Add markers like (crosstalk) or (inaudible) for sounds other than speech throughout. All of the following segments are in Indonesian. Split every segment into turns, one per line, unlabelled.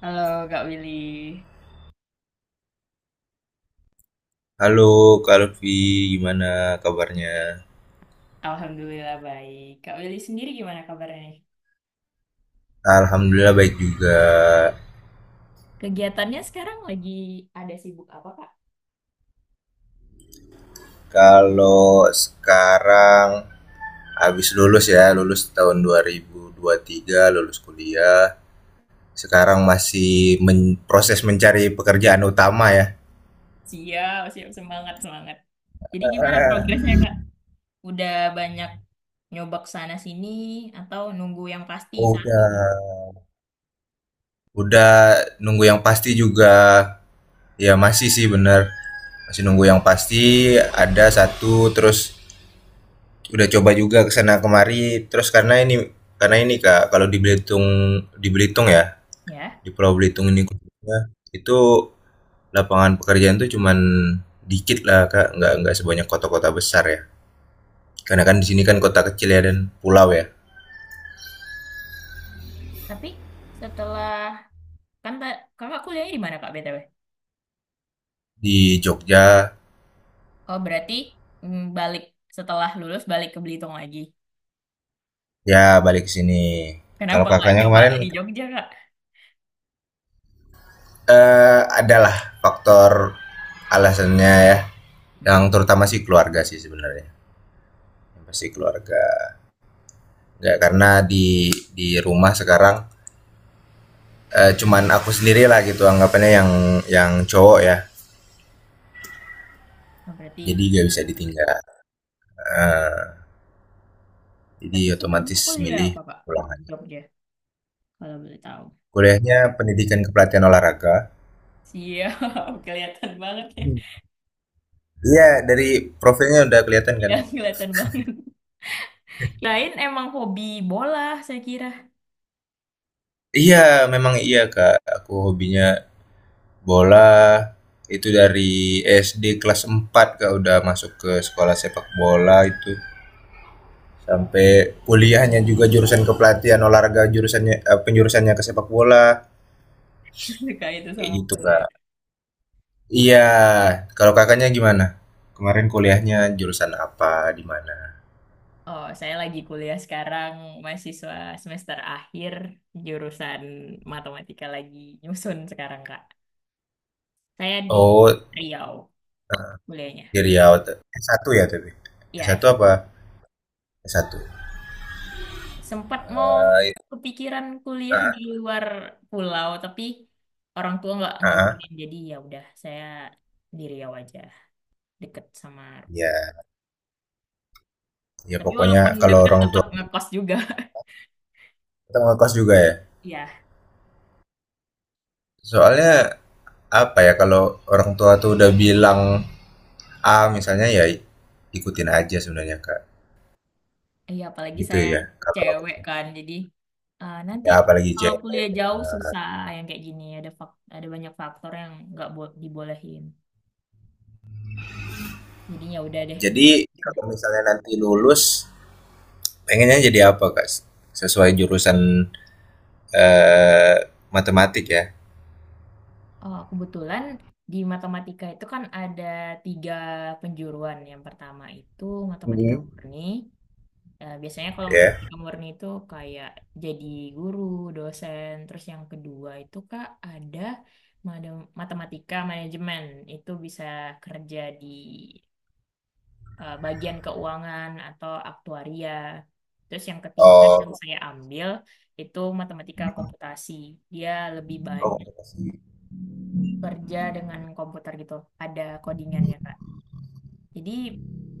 Halo Kak Willy,
Halo Kak Lutfi, gimana kabarnya?
Alhamdulillah baik. Kak Willy sendiri gimana kabarnya nih?
Alhamdulillah baik juga.
Kegiatannya sekarang lagi ada sibuk apa, Kak?
Kalau sekarang habis lulus ya, lulus tahun dua ribu tiga, lulus kuliah. Sekarang masih proses mencari pekerjaan utama ya.
Siap, siap, semangat, semangat. Jadi gimana progresnya Kak? Udah banyak nyobak sana sini atau nunggu yang pasti satu?
Udah. Udah nunggu yang pasti juga. Ya masih sih bener. Masih nunggu yang pasti ada satu terus udah coba juga kesana sana kemari terus karena ini Kak, kalau di Belitung, ya,
Ya,
di Pulau Belitung ini khususnya itu, lapangan pekerjaan tuh cuman dikit lah Kak, nggak sebanyak kota-kota besar ya, karena kan di sini kan kota kecil ya dan pulau ya.
tapi setelah kakak kuliahnya di mana Kak BTW?
Di Jogja
Oh berarti balik setelah lulus balik ke Belitung lagi.
ya. Balik ke sini. Kalau
Kenapa nggak
kakaknya
coba
kemarin,
di Jogja Kak?
adalah faktor alasannya ya,
Hmm.
yang terutama sih keluarga sih sebenarnya, yang pasti keluarga. Nggak, karena di rumah sekarang, cuman aku sendiri lah gitu anggapannya, yang cowok ya,
Oh,
jadi
berarti
nggak bisa ditinggal. Eh, jadi
tapi sebelumnya
otomatis
kuliah
milih
apa, Pak? Di
pulang aja.
Jogja, kalau boleh tahu.
Kuliahnya pendidikan kepelatihan olahraga.
Siap, (laughs) kelihatan banget ya.
Hmm. Iya, dari profilnya udah kelihatan kan.
Iya, kelihatan banget. Lain emang hobi bola, saya kira.
Iya, memang iya kak, aku hobinya bola itu dari SD kelas 4 kak, udah masuk ke sekolah sepak bola itu, sampai kuliahnya juga jurusan kepelatihan olahraga, penjurusannya ke sepak bola,
(laughs) Suka itu
kayak
sama
gitu
bola.
kak.
Ya.
Iya, kalau kakaknya gimana, kemarin kuliahnya jurusan apa, di mana?
Oh, saya lagi kuliah sekarang, mahasiswa semester akhir, jurusan matematika lagi nyusun sekarang, Kak. Saya di
Oh,
Riau kuliahnya.
di Riau tuh. S1 ya, tapi
Iya,
S1 apa, S1,
sempat mau
Itu,
kepikiran kuliah di luar pulau tapi orang tua nggak
Ah,
ngizinin jadi ya udah saya di Riau aja deket sama
ya ya
tapi
pokoknya
walaupun
kalau
deket
orang
tetap
tua,
ngekos juga (laughs)
kita ngekos juga ya,
Iya,
soalnya apa ya, kalau orang tua tuh udah bilang A misalnya ya, ikutin aja sebenarnya kak,
iya apalagi
gitu
saya
ya kalau.
cewek kan jadi nanti
Ya apalagi
kalau
cewek.
kuliah jauh susah yang kayak gini ada ada banyak faktor yang nggak bo- dibolehin jadinya ya udah deh nurut.
Jadi kalau misalnya nanti lulus, pengennya jadi apa kak? Sesuai jurusan, eh, matematik ya?
Oh, kebetulan di matematika itu kan ada tiga penjuruan. Yang pertama itu matematika
Mhm.
murni. Biasanya kalau
Ya. Yeah.
matematika murni itu kayak jadi guru, dosen. Terus yang kedua itu Kak ada matematika manajemen. Itu bisa kerja di bagian keuangan atau aktuaria. Terus yang ketiga yang
Oh,
saya ambil itu matematika
hmm.
komputasi. Dia lebih
Oh,
banyak
komunikasi,
kerja dengan komputer gitu. Ada codingannya, Kak. Jadi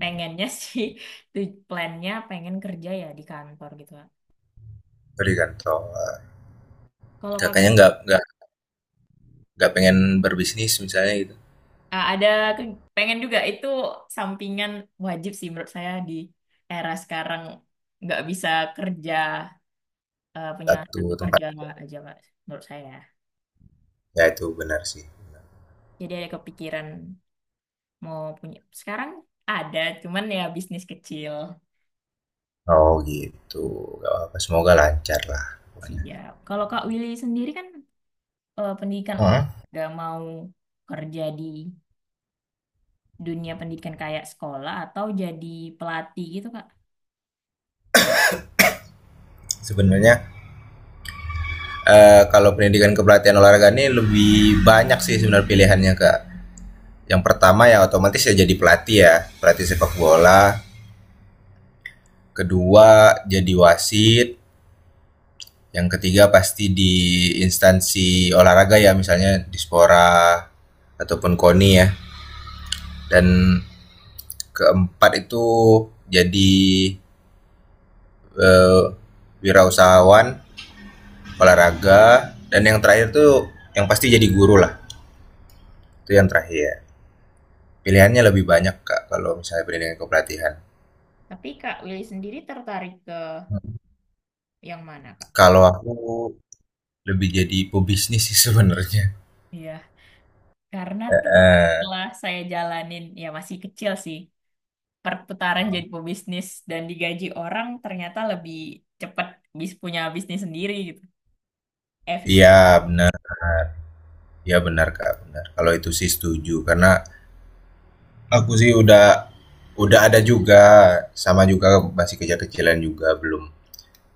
pengennya sih, (laughs) plannya pengen kerja ya di kantor gitu, Kak.
pendidikan. Oh,
Kalau
kakaknya
Kakak
nggak pengen berbisnis misalnya gitu.
ada pengen juga itu sampingan wajib sih menurut saya di era sekarang nggak bisa kerja punya
Satu
satu
tempat,
kerja aja, Kak, menurut saya.
ya itu benar sih.
Jadi ada kepikiran mau punya. Sekarang ada, cuman ya bisnis kecil.
Oh gitu. Gak apa-apa. Semoga lancar lah pokoknya.
Siap. Kalau Kak Willy sendiri kan pendidikan
Hmm.
olahraga mau kerja di dunia pendidikan kayak sekolah atau jadi pelatih gitu Kak.
Sebenarnya kalau pendidikan kepelatihan olahraga ini lebih banyak sih sebenarnya pilihannya kak. Yang pertama ya otomatis ya jadi pelatih ya, pelatih sepak bola. Kedua jadi wasit. Yang ketiga pasti di instansi olahraga ya, misalnya dispora ataupun KONI ya. Dan keempat itu jadi eh, wirausahawan olahraga, dan yang terakhir tuh yang pasti jadi guru lah. Itu yang terakhir. Pilihannya lebih banyak Kak kalau misalnya pendidikan kepelatihan.
Tapi Kak Willy sendiri tertarik ke yang mana, Kak?
Kalau aku lebih jadi pebisnis sih sebenarnya.
Iya, karena
eh
tuh
eh,
setelah saya jalanin, ya masih kecil sih, perputaran jadi pebisnis dan digaji orang ternyata lebih cepat punya bisnis sendiri gitu.
Iya
Efisien.
benar, iya benar Kak, benar. Kalau itu sih setuju karena aku sih udah, ada juga, sama juga masih kecil-kecilan juga, belum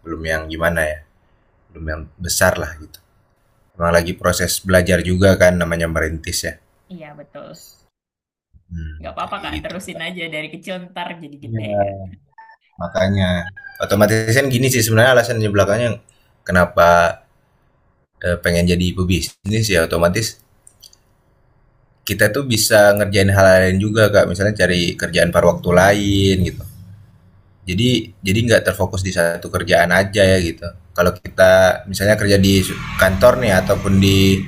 belum yang gimana ya, belum yang besar lah gitu. Emang lagi proses belajar juga kan namanya merintis ya.
Iya betul,
Hmm,
nggak
kayak
apa-apa
kayak
Kak,
gitu.
terusin aja dari kecil ntar jadi gede.
Iya,
Kak.
makanya otomatis kan gini sih sebenarnya alasannya belakangnya kenapa pengen jadi pebisnis ya, otomatis kita tuh bisa ngerjain hal lain juga Kak, misalnya cari kerjaan paruh waktu lain gitu. Jadi nggak terfokus di satu kerjaan aja ya gitu. Kalau kita misalnya kerja di kantor nih ataupun di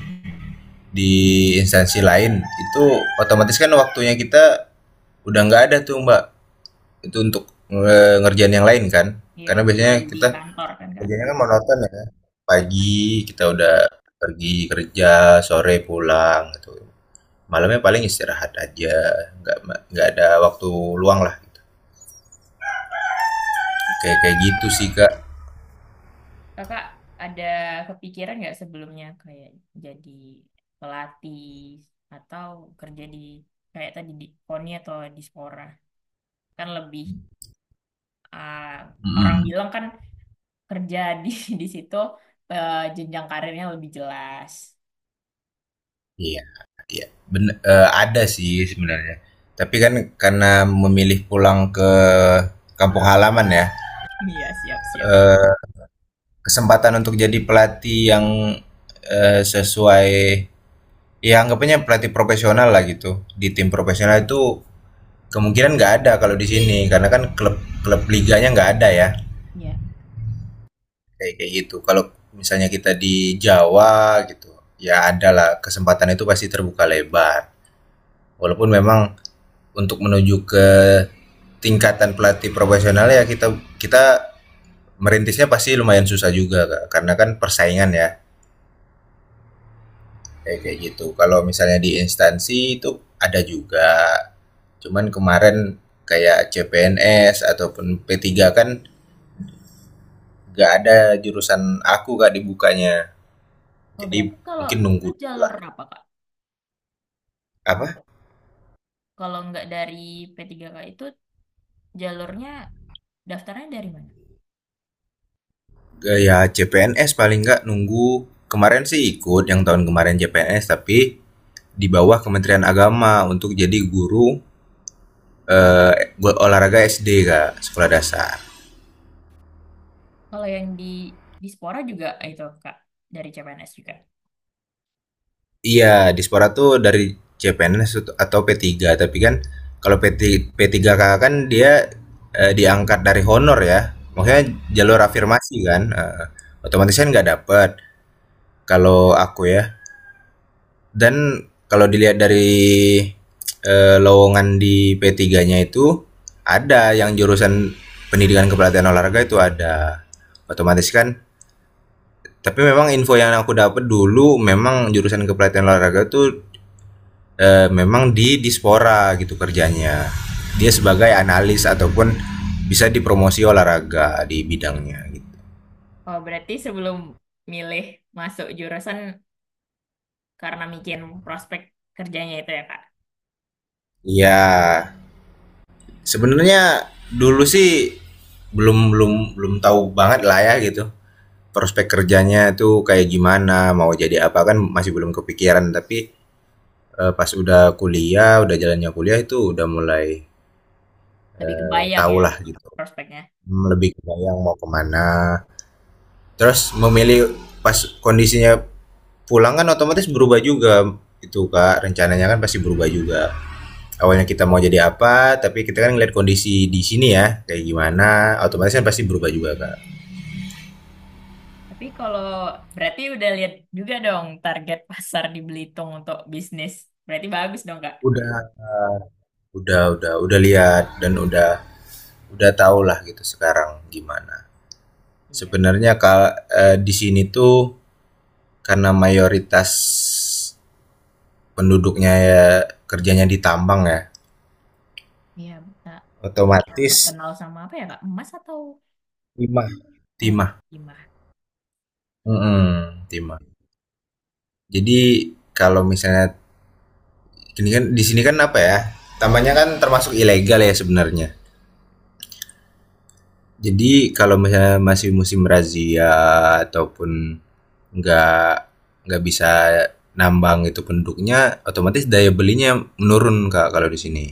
di instansi lain itu, otomatis kan waktunya kita udah nggak ada tuh Mbak, itu untuk ngerjain yang lain kan.
Iya
Karena biasanya
full di
kita
kantor kan Kak.
kerjanya kan monoton ya.
Iya.
Pagi kita udah pergi kerja, sore pulang gitu. Malamnya paling istirahat aja, nggak nggak ada waktu luang lah. Gitu. Kayak
Tapi
kayak gitu sih Kak.
Kakak ada kepikiran nggak sebelumnya kayak jadi pelatih atau kerja di kayak tadi di KONI atau di Spora? Kan lebih ah, orang
Mm-mm.
bilang kan kerja di (laughs) di situ jenjang karirnya lebih jelas.
Iya. Ada sih sebenarnya. Tapi kan karena memilih pulang ke kampung
(laughs)
halaman ya,
Iya, siap-siap.
kesempatan untuk jadi pelatih yang, sesuai ya anggapannya pelatih profesional lah gitu, di tim profesional itu kemungkinan nggak ada kalau di sini, karena kan klub klub liganya nggak ada ya,
Iya.
kayak kayak gitu. Kalau misalnya kita di Jawa gitu, ya ada lah kesempatan itu pasti terbuka lebar. Walaupun memang untuk menuju ke tingkatan pelatih profesional ya kita kita merintisnya pasti lumayan susah juga Kak, karena kan persaingan ya, kayak kayak gitu. Kalau misalnya di instansi itu ada juga. Cuman kemarin kayak CPNS ataupun P3 kan gak ada jurusan aku Kak dibukanya.
Oh,
Jadi
berarti kalau
mungkin
itu
nunggu
jalur
lah.
apa, Kak? Bu-
Apa?
Kalau nggak dari P3K itu jalurnya daftarnya dari mana?
Gaya CPNS paling nggak nunggu, kemarin sih ikut yang tahun kemarin CPNS, tapi di bawah Kementerian Agama untuk jadi guru buat olahraga SD kak, sekolah dasar.
Kalau yang di Spora juga itu, Kak, dari CPNS juga.
Iya dispora tuh dari CPNS atau P3, tapi kan kalau P3 P3K kan dia, diangkat dari honor ya maksudnya
Iya.
jalur afirmasi kan, otomatis kan nggak dapet kalau aku ya. Dan kalau dilihat dari lowongan di P3-nya itu ada yang jurusan pendidikan kepelatihan olahraga, itu ada, otomatis kan. Tapi memang info yang aku dapat dulu, memang jurusan kepelatihan olahraga tuh memang di Dispora gitu kerjanya. Dia sebagai analis ataupun bisa dipromosi olahraga di bidangnya gitu.
Oh, berarti sebelum milih masuk jurusan karena mikirin prospek kerjanya itu ya, Kak?
Iya, sebenarnya dulu sih belum belum belum tahu banget lah ya gitu. Prospek kerjanya tuh kayak gimana, mau jadi apa kan masih belum kepikiran, tapi pas udah kuliah, udah jalannya kuliah itu udah mulai
Lebih kebayang
tahu
ya
lah
apa
gitu.
prospeknya.
Hmm, lebih kebayang mau kemana. Terus memilih pas kondisinya pulang kan otomatis berubah juga, itu kak rencananya kan pasti berubah juga, awalnya kita mau jadi apa tapi kita kan ngeliat kondisi di sini ya kayak gimana, otomatis kan pasti berubah juga kak.
Tapi kalau berarti udah lihat juga dong target pasar di Belitung untuk bisnis. Berarti bagus dong, Kak?
Udah udah udah udah lihat, dan udah tau lah gitu sekarang gimana
Iya.
sebenarnya kak, di sini tuh karena mayoritas penduduknya ya kerjanya di tambang ya
Iya, Kak. Gitu
otomatis,
terkenal sama apa ya, Kak? Emas atau
5
oh,
timah.
gimana? Atau mana sih?
Mm-mm, timah. Jadi kalau misalnya ini kan di sini kan apa ya, tambahnya kan termasuk ilegal ya sebenarnya. Jadi kalau misalnya masih musim razia ataupun nggak nggak bisa nambang itu penduduknya, otomatis daya belinya menurun kak kalau di sini.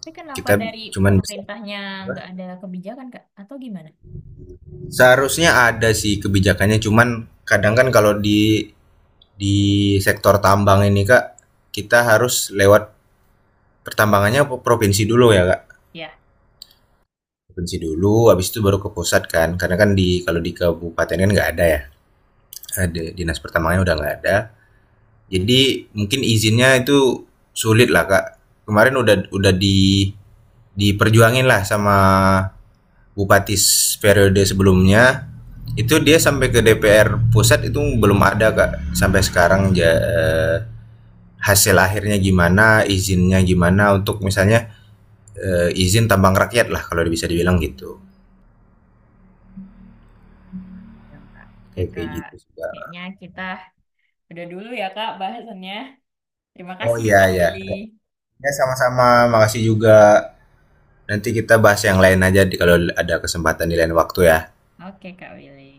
Tapi kenapa
Kita
dari
cuman bisa.
pemerintahnya nggak ada kebijakan, Kak? Atau gimana?
Seharusnya ada sih kebijakannya cuman kadang kan kalau di di sektor tambang ini kak, kita harus lewat pertambangannya provinsi dulu ya kak,
Ya,
provinsi dulu habis itu baru ke pusat kan, karena kan di, kalau di kabupaten kan nggak ada ya, ada dinas pertambangannya udah nggak ada. Jadi mungkin izinnya itu sulit lah kak, kemarin udah diperjuangin lah sama bupati periode sebelumnya, itu dia sampai ke DPR pusat, itu belum ada kak sampai sekarang, hasil akhirnya gimana, izinnya gimana untuk misalnya izin tambang rakyat lah kalau bisa dibilang gitu.
ya, Kak. Oke,
Kayak kayak
Kak.
gitu sih, Kak.
Kayaknya kita udah dulu ya, Kak, bahasannya. Terima
Oh,
kasih ya
iya
Kak
ya.
Willy.
Ya sama-sama, makasih juga. Nanti kita bahas yang lain aja, di kalau ada kesempatan di lain waktu ya.
Oke Kak Willy.